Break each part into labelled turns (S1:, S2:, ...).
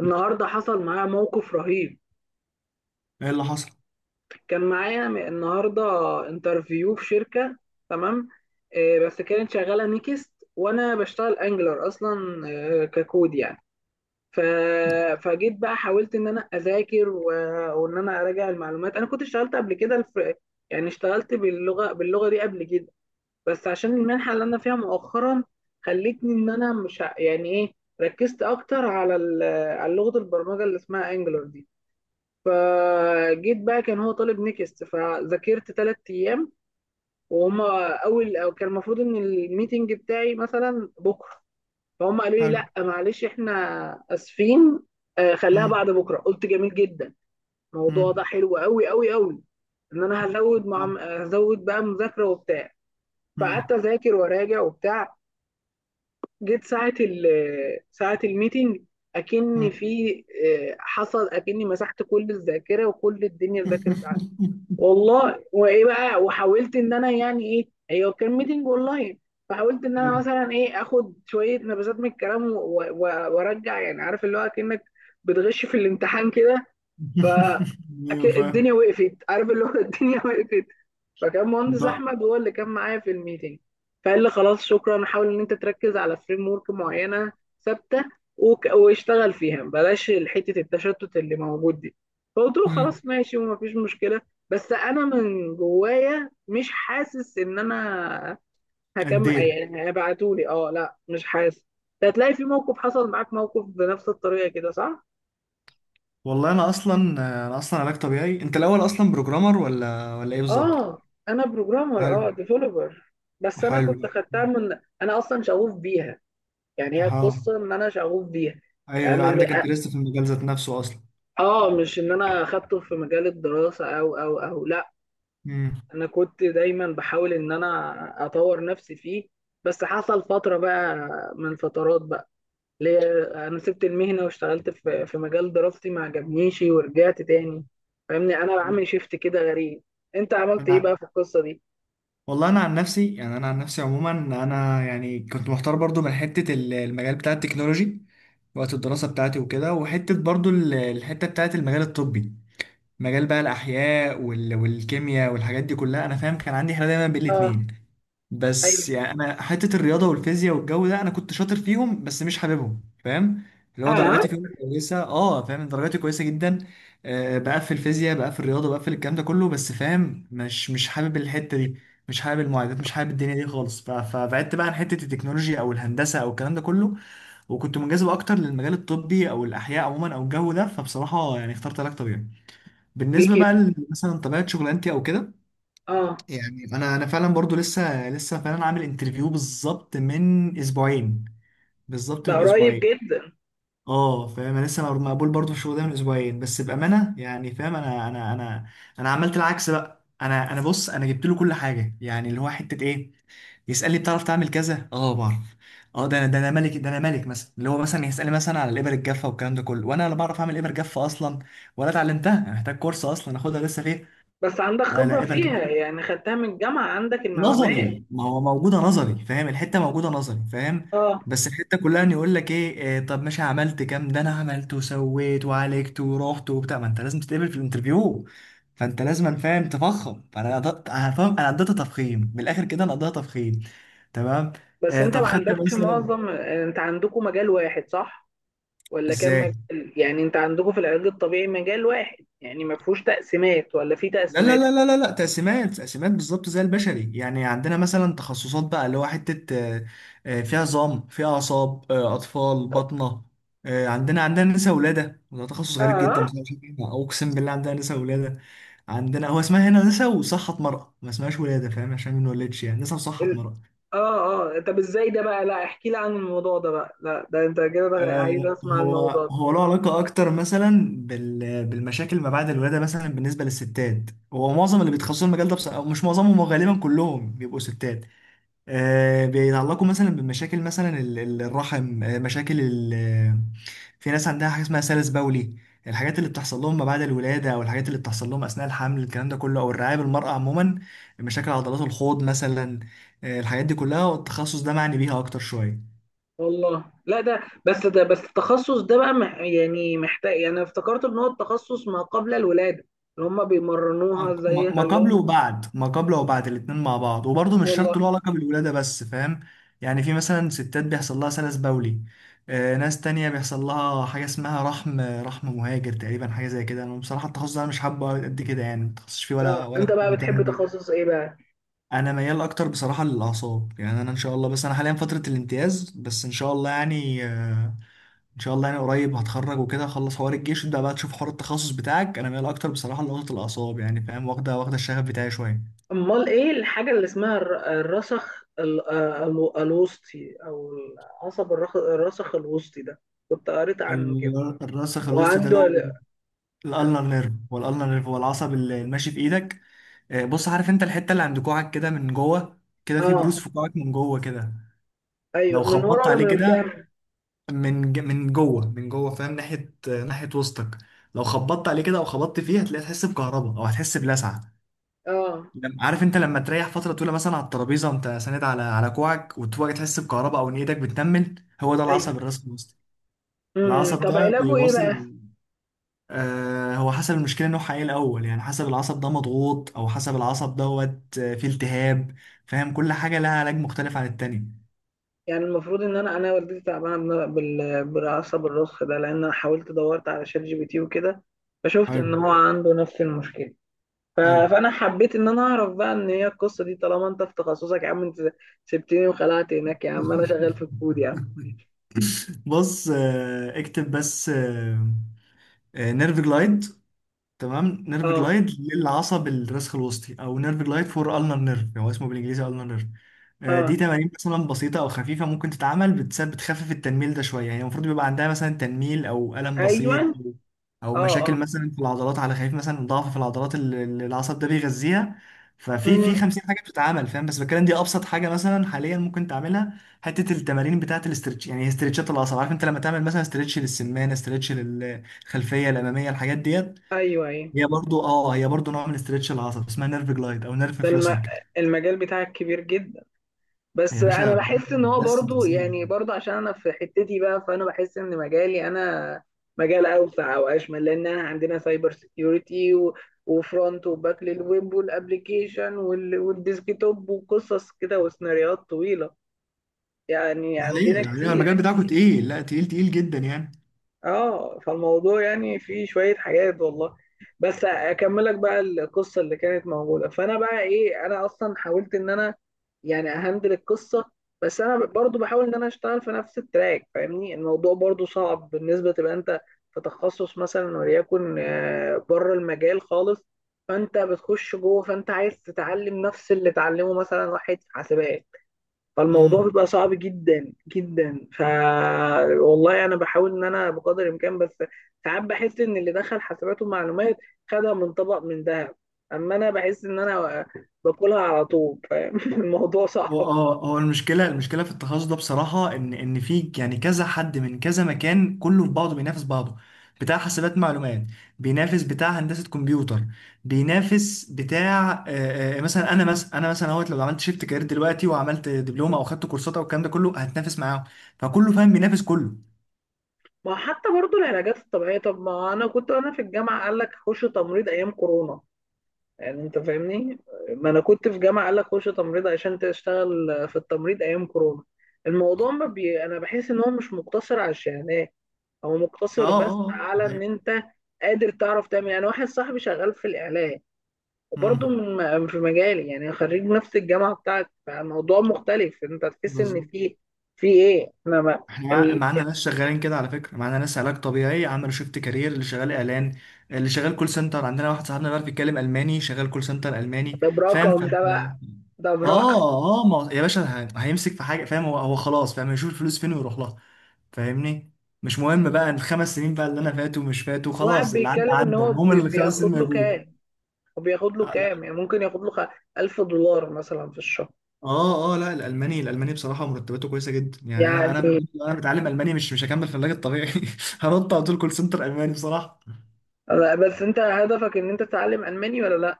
S1: النهارده حصل معايا موقف رهيب.
S2: ايه اللي حصل؟
S1: كان معايا النهارده انترفيو في شركه. تمام. بس كانت شغاله نيكست وانا بشتغل انجلر اصلا. ككود يعني. ف... فجيت بقى حاولت ان انا اذاكر وان انا اراجع المعلومات. انا كنت اشتغلت قبل كده يعني اشتغلت باللغه دي قبل كده. بس عشان المنحه اللي انا فيها مؤخرا خلتني ان انا مش يعني ايه ركزت اكتر على على لغه البرمجه اللي اسمها انجلر دي. فجيت بقى كان هو طالب نكست فذاكرت ثلاث ايام، وهم اول أو كان المفروض ان الميتنج بتاعي مثلا بكره. فهم قالوا لي
S2: حلو.
S1: لا معلش احنا اسفين. خليها
S2: مم.
S1: بعد بكره، قلت جميل جدا. الموضوع
S2: مم.
S1: ده حلو قوي قوي قوي، ان انا هزود
S2: لا.
S1: مع هزود بقى مذاكره وبتاع. فقعدت
S2: مم.
S1: اذاكر واراجع وبتاع. جيت ساعه ال ساعه الميتنج اكن
S2: مم.
S1: في. حصل اكني مسحت كل الذاكره وكل الدنيا ذاكرت والله. وايه بقى وحاولت ان انا يعني ايه هي، كان ميتنج اونلاين. فحاولت ان انا
S2: حلو.
S1: مثلا ايه اخد شويه نبذات من الكلام وارجع، يعني عارف اللي هو كانك بتغش في الامتحان كده. ف
S2: ايوه، فاهم.
S1: الدنيا وقفت، عارف اللي هو الدنيا وقفت. فكان
S2: انت
S1: مهندس احمد هو اللي كان معايا في الميتنج. فقال لي خلاص شكرا، حاول ان انت تركز على فريم ورك معينه ثابته واشتغل فيها بلاش حته التشتت اللي موجود دي. فقلت له
S2: مم.
S1: خلاص ماشي ومفيش مشكله. بس انا من جوايا مش حاسس ان انا هكمل،
S2: اديت.
S1: يعني هيبعتولي. اه لا مش حاسس. هتلاقي في موقف حصل معاك موقف بنفس الطريقه كده صح؟
S2: والله انا اصلا علاج طبيعي. انت الاول اصلا بروجرامر ولا ايه بالظبط؟
S1: اه انا
S2: حلو.
S1: بروجرامر، اه ديفلوبر. بس انا
S2: حلو.
S1: كنت خدتها من انا اصلا شغوف بيها. يعني هي
S2: اها.
S1: القصة إن أنا شغوف بيها.
S2: ايوه،
S1: يعني
S2: ايوه،
S1: أنا
S2: عندك انترست في المجال ذات نفسه اصلا.
S1: مش إن أنا أخدته في مجال الدراسة أو لأ. أنا كنت دايما بحاول إن أنا أطور نفسي فيه. بس حصل فترة بقى، من فترات بقى، اللي هي أنا سبت المهنة واشتغلت في مجال دراستي ما عجبنيش ورجعت تاني. فاهمني، أنا بعمل شيفت كده غريب. أنت عملت إيه
S2: مم.
S1: بقى في القصة دي؟
S2: والله انا عن نفسي، يعني انا عن نفسي عموما، انا يعني كنت محتار برضو من حته المجال بتاع التكنولوجي وقت الدراسه بتاعتي وكده، وحته برضو الحته بتاعت المجال الطبي، مجال بقى الاحياء والكيمياء والحاجات دي كلها. انا فاهم كان عندي حاله دايما بين
S1: آه
S2: الاتنين. بس
S1: أيوه
S2: يعني انا حته الرياضه والفيزياء والجو ده انا كنت شاطر فيهم بس مش حاببهم، فاهم، اللي هو
S1: اه.
S2: درجاتي فيهم كويسه. اه، فاهم، درجاتي كويسه جدا. آه، بقفل فيزياء بقفل رياضه بقفل الكلام ده كله، بس فاهم مش مش حابب الحته دي، مش حابب المعادلات، مش حابب الدنيا دي خالص. فبعدت بقى عن حته التكنولوجيا او الهندسه او الكلام ده كله، وكنت منجذب اكتر للمجال الطبي او الاحياء عموما او الجو ده. فبصراحه يعني اخترت علاج طبيعي.
S1: ليه
S2: بالنسبه بقى
S1: كده؟
S2: مثلا طبيعه شغلانتي او كده،
S1: آه.
S2: يعني انا فعلا برضو لسه فعلا عامل انترفيو بالظبط من اسبوعين، بالظبط
S1: ده
S2: من
S1: قريب
S2: اسبوعين.
S1: جدا.
S2: اه، فاهم انا لسه مقبول برضو في الشغل ده من اسبوعين، بس بامانه يعني فاهم انا عملت العكس بقى. انا بص، انا جبت له كل حاجه، يعني اللي هو حته ايه؟ يسالني بتعرف تعمل كذا؟ اه، بعرف. اه، ده انا، ده انا ملك، ده انا ملك. مثلا اللي هو مثلا يسالني مثلا على الابر الجافه والكلام ده كله، وانا لا بعرف اعمل ابر جافه اصلا ولا اتعلمتها. انا محتاج كورس اصلا اخدها لسه. فيه
S1: بس عندك خبرة
S2: على ابر
S1: فيها
S2: جافه
S1: يعني، خدتها من الجامعة عندك المعلومات.
S2: نظري، ما هو موجودة نظري، فاهم؟ الحتة موجودة نظري، فاهم؟
S1: اه.
S2: بس الحتة كلها ان يقول لك ايه، طب ماشي، عملت كام؟ ده انا عملت وسويت وعالجت ورحت وبتاع. ما انت لازم تتقبل في الانترفيو، فانت لازم فاهم تفخم. فانا قضيت، أنا فاهم، انا قضيتها تفخيم من الاخر كده، انا قضيتها تفخيم. تمام.
S1: بس
S2: آه،
S1: انت
S2: طب
S1: ما
S2: خدت
S1: عندكش
S2: مثلا.
S1: معظم، انت عندكم مجال واحد صح؟ ولا كام
S2: ازاي؟
S1: مجال؟ يعني انت عندكم في العلاج الطبيعي مجال واحد يعني ما فيهوش تقسيمات ولا في
S2: لا لا
S1: تقسيمات؟
S2: لا لا لا لا، تقسيمات، تقسيمات بالظبط زي البشري. يعني عندنا مثلا تخصصات بقى، اللي هو حتة فيها عظام، فيها أعصاب، أطفال، باطنة. عندنا، عندنا نساء ولادة، وده تخصص غريب
S1: اه.
S2: جدا بس أنا مش فاهمها. أقسم بالله عندنا نساء ولادة. عندنا هو اسمها هنا نساء وصحة مرأة، ما اسمهاش ولادة، فاهم؟ عشان ما نولدش، يعني نساء وصحة
S1: ال...
S2: مرأة.
S1: اه اه. طب ازاي ده بقى؟ لا احكي لي عن الموضوع ده بقى، لا ده انت كده بقى، عايز اسمع
S2: هو
S1: الموضوع ده.
S2: هو له علاقة أكتر مثلا بالمشاكل ما بعد الولادة، مثلا بالنسبة للستات، هو معظم اللي بيتخصصوا المجال ده بص، أو مش معظمهم، هو غالبا كلهم بيبقوا ستات. بيتعلقوا مثلا بمشاكل مثلا الرحم، مشاكل ال... آه، في ناس عندها حاجة اسمها سلس بولي، الحاجات اللي بتحصل لهم ما بعد الولادة أو الحاجات اللي بتحصل لهم أثناء الحمل، الكلام ده كله، أو الرعاية بالمرأة عموما، مشاكل عضلات الحوض مثلا. الحاجات دي كلها والتخصص ده معني بيها أكتر شوية.
S1: والله. لا ده. بس ده، بس التخصص ده بقى يعني محتاج، يعني افتكرت ان هو التخصص ما قبل الولادة اللي هم
S2: ما
S1: بيمرنوها ازاي
S2: ما قبل
S1: يخلوهم.
S2: وبعد، ما قبل وبعد، الاتنين مع بعض، وبرضه مش شرط
S1: والله.
S2: له علاقة بالولادة بس، فاهم؟ يعني في مثلا ستات بيحصل لها سلس بولي، ناس تانية بيحصل لها حاجة اسمها رحم مهاجر تقريبا، حاجة زي كده. أنا بصراحة التخصص ده أنا مش حابه قد كده، يعني متخصصش فيه ولا
S1: اه.
S2: ولا
S1: انت
S2: كنت
S1: بقى بتحب
S2: مهتم بيه.
S1: تخصص ايه بقى؟
S2: أنا ميال أكتر بصراحة للأعصاب، يعني أنا إن شاء الله، بس أنا حاليا فترة الامتياز، بس إن شاء الله يعني، إن شاء الله يعني قريب هتخرج وكده، أخلص حوار الجيش وتبدأ بقى تشوف حوار التخصص بتاعك. أنا ميال أكتر بصراحة لنقطة الأعصاب، يعني فاهم، واخدة، واخدة الشغف بتاعي شوية.
S1: امال ايه الحاجه اللي اسمها الرسخ الوسطي، او العصب الرسخ الوسطي ده، كنت قريت عنه كده
S2: الراسخ الوسط ده، اللي
S1: وعنده
S2: هو الالنر نيرف، هو الالنر نيرف، هو العصب اللي ماشي في ايدك. بص، عارف انت الحته اللي عند كوعك كده من جوه، كده في
S1: اه.
S2: بروز في كوعك من جوه كده، لو
S1: ايوه، من ورا
S2: خبطت
S1: ولا
S2: عليه
S1: من
S2: كده،
S1: قدام؟
S2: من من جوه، من جوه فاهم، ناحيه ناحيه وسطك. لو خبطت عليه كده او خبطت فيه هتلاقي تحس بكهرباء او هتحس بلسعه.
S1: اه.
S2: عارف انت لما تريح فتره طويله مثلا على الترابيزه، وانت ساند على كوعك، وتبقى تحس بكهرباء او ان ايدك بتنمل، هو ده
S1: ايوه.
S2: العصب الراسخ الوسطي.
S1: امم.
S2: العصب
S1: طب
S2: ده
S1: علاجه ايه بقى؟
S2: بيوصل. هو حسب المشكله نوعها ايه الاول، يعني حسب العصب ده مضغوط او حسب العصب دوت، فيه التهاب، فاهم، كل حاجه لها علاج مختلف عن التاني.
S1: يعني المفروض ان انا، انا والدتي تعبانه بالعصب الرسخ ده، لان انا حاولت دورت على شات جي بي تي وكده فشفت
S2: حلو.
S1: ان هو عنده نفس المشكله.
S2: حلو.
S1: فانا حبيت ان انا اعرف بقى ان هي القصه دي طالما انت في تخصصك يا عم. انت سبتني وخلعت هناك يا عم، انا شغال في الكود يا عم.
S2: بص، اكتب بس نيرف جلايد. تمام، نيرف
S1: اه
S2: جلايد للعصب الرسخ الوسطي، او نيرف جلايد فور النر نيرف. هو اسمه بالانجليزي النر نيرف. دي
S1: اه
S2: تمارين مثلا بسيطه او خفيفه ممكن تتعمل، بتخفف التنميل ده شويه، يعني المفروض بيبقى عندها مثلا تنميل او الم بسيط،
S1: ايوه،
S2: او أو
S1: اه
S2: مشاكل
S1: اه
S2: مثلا في العضلات على خفيف، مثلا ضعف في العضلات اللي العصب ده بيغذيها. ففي
S1: امم
S2: 50 حاجه بتتعمل فاهم، بس بتكلم، دي ابسط حاجه مثلا حاليا ممكن تعملها، حته التمارين بتاعه الاسترتش، يعني استرتشات العصب. عارف انت لما تعمل مثلا استرتش للسمانه، استرتش للخلفيه الاماميه، الحاجات ديت
S1: ايوه ايوه.
S2: هي برضو، اه، هي برضو نوع من استرتش العصب اسمها نيرف جلايد او نيرف
S1: ده
S2: فلوسنج.
S1: المجال بتاعك كبير جدا. بس
S2: يا
S1: انا
S2: باشا،
S1: بحس ان هو
S2: بس انت
S1: برضو،
S2: اسمها
S1: يعني
S2: إيه؟
S1: برضو عشان انا في حتتي بقى، فانا بحس ان مجالي انا مجال اوسع او اشمل، لان انا عندنا سايبر سيكيورتي وفرونت وباك للويب والابلكيشن والديسكتوب وقصص كده وسيناريوهات طويله. يعني
S2: ده
S1: عندنا
S2: حقيقة، ده حقيقة
S1: كتير.
S2: المجال بتاعكم تقيل، لا تقيل، تقيل جدا يعني.
S1: اه فالموضوع يعني فيه شوية حاجات والله. بس اكملك بقى القصة اللي كانت موجودة. فانا بقى ايه، انا اصلا حاولت ان انا يعني اهندل القصة. بس انا برضو بحاول ان انا اشتغل في نفس التراك. فاهمني، الموضوع برضو صعب بالنسبة تبقى انت في تخصص مثلا وليكن بره المجال خالص، فانت بتخش جوه فانت عايز تتعلم نفس اللي اتعلمه مثلا واحد في حاسبات، فالموضوع
S2: امم.
S1: بيبقى صعب جدا جدا. والله انا بحاول ان انا بقدر الامكان، بس ساعات بحس ان اللي دخل حسابات ومعلومات خدها من طبق من ذهب. اما انا بحس ان انا باكلها على طول، فاهم الموضوع
S2: هو
S1: صعب.
S2: اه، هو المشكلة، المشكلة في التخصص ده بصراحة ان في يعني كذا حد من كذا مكان كله في بعضه بينافس بعضه. بتاع حاسبات معلومات بينافس بتاع هندسة كمبيوتر، بينافس بتاع. مثلا، انا مثلا انا مثلا اهوت لو عملت شيفت كارير دلوقتي، وعملت دبلومة او خدت كورسات او الكلام ده كله، هتنافس معاهم. فكله فاهم بينافس كله.
S1: ما حتى برضو العلاجات الطبيعيه، طب ما انا كنت وانا في الجامعه قال لك خش تمريض ايام كورونا. يعني انت فاهمني. ما انا كنت في جامعه قال لك خش تمريض عشان تشتغل في التمريض ايام كورونا. الموضوع ما انا بحس ان هو مش مقتصر على الشهادات. هو
S2: اه،
S1: مقتصر بس
S2: اه، آه،
S1: على ان
S2: هي
S1: انت قادر تعرف تعمل. يعني واحد صاحبي شغال في الاعلام، وبرضه
S2: امم،
S1: من في مجالي، يعني خريج نفس الجامعه بتاعتي، فالموضوع مختلف. انت تحس ان
S2: بالظبط.
S1: في، في ايه احنا ما
S2: احنا
S1: ال-
S2: معانا ناس شغالين كده على فكره، معانا ناس علاج طبيعي عملوا شيفت كارير، اللي شغال اعلان، اللي شغال كول سنتر. عندنا واحد صاحبنا بيعرف يتكلم الماني شغال كول سنتر الماني،
S1: ده
S2: فاهم؟
S1: برقم
S2: فانت
S1: ده بقى،
S2: اه،
S1: ده برقم.
S2: اه، آه، ما... يا باشا، هيمسك في حاجه، فاهم. هو خلاص فاهم يشوف الفلوس فين ويروح لها. فاهمني، مش مهم بقى ال5 سنين بقى اللي انا فاتوا مش فاتوا،
S1: واحد
S2: خلاص، اللي عدى
S1: بيتكلم ان
S2: عدى،
S1: هو
S2: المهم اللي ال5 سنين
S1: بياخد له
S2: موجود.
S1: كام، وبياخد له كام، يعني ممكن ياخد له $1000 مثلا في الشهر
S2: اه، اه، لا، الالماني بصراحه مرتباته كويسه جدا، يعني انا
S1: يعني.
S2: انا متعلم الماني، مش هكمل في العلاج الطبيعي. هنط على طول كول سنتر الماني بصراحه.
S1: لا، بس انت هدفك ان انت تتعلم الماني ولا لا؟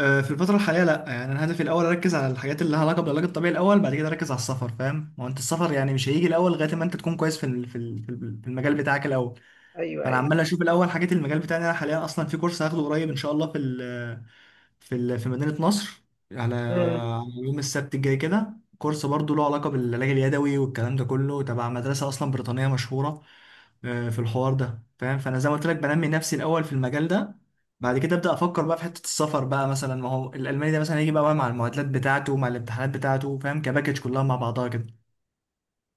S2: في الفتره الحاليه لا، يعني انا هدفي الاول اركز على الحاجات اللي لها علاقه بالعلاج الطبيعي الاول، بعد كده اركز على السفر، فاهم؟ ما هو انت السفر يعني مش هيجي الاول لغايه ما انت تكون كويس في ال في ال- في ال- في المجال بتاعك الاول.
S1: ايوه
S2: فانا
S1: ايوه.
S2: عمال اشوف الاول حاجات المجال بتاعي. انا حاليا اصلا في كورس هاخده قريب ان شاء الله في مدينة نصر، على
S1: مم.
S2: على يوم السبت الجاي كده. كورس برضه له علاقة بالعلاج اليدوي والكلام ده كله، تبع مدرسة أصلا بريطانية مشهورة. في الحوار ده فاهم. فأنا زي ما قلت لك بنمي نفسي الأول في المجال ده، بعد كده أبدأ أفكر بقى في حتة السفر بقى. مثلا ما هو الألماني ده مثلا هيجي بقى مع المعادلات بتاعته، مع الامتحانات بتاعته، فاهم كباكج كلها مع بعضها كده.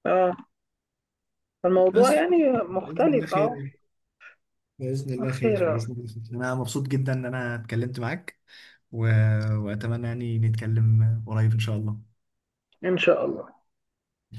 S1: اه الموضوع
S2: بس،
S1: يعني
S2: بإذن الله
S1: مختلف اه.
S2: خير. بإذن الله
S1: خير
S2: خير، بإذن الله خير، أنا مبسوط جدا إن أنا اتكلمت معاك و... وأتمنى يعني نتكلم قريب إن شاء الله.
S1: إن شاء الله.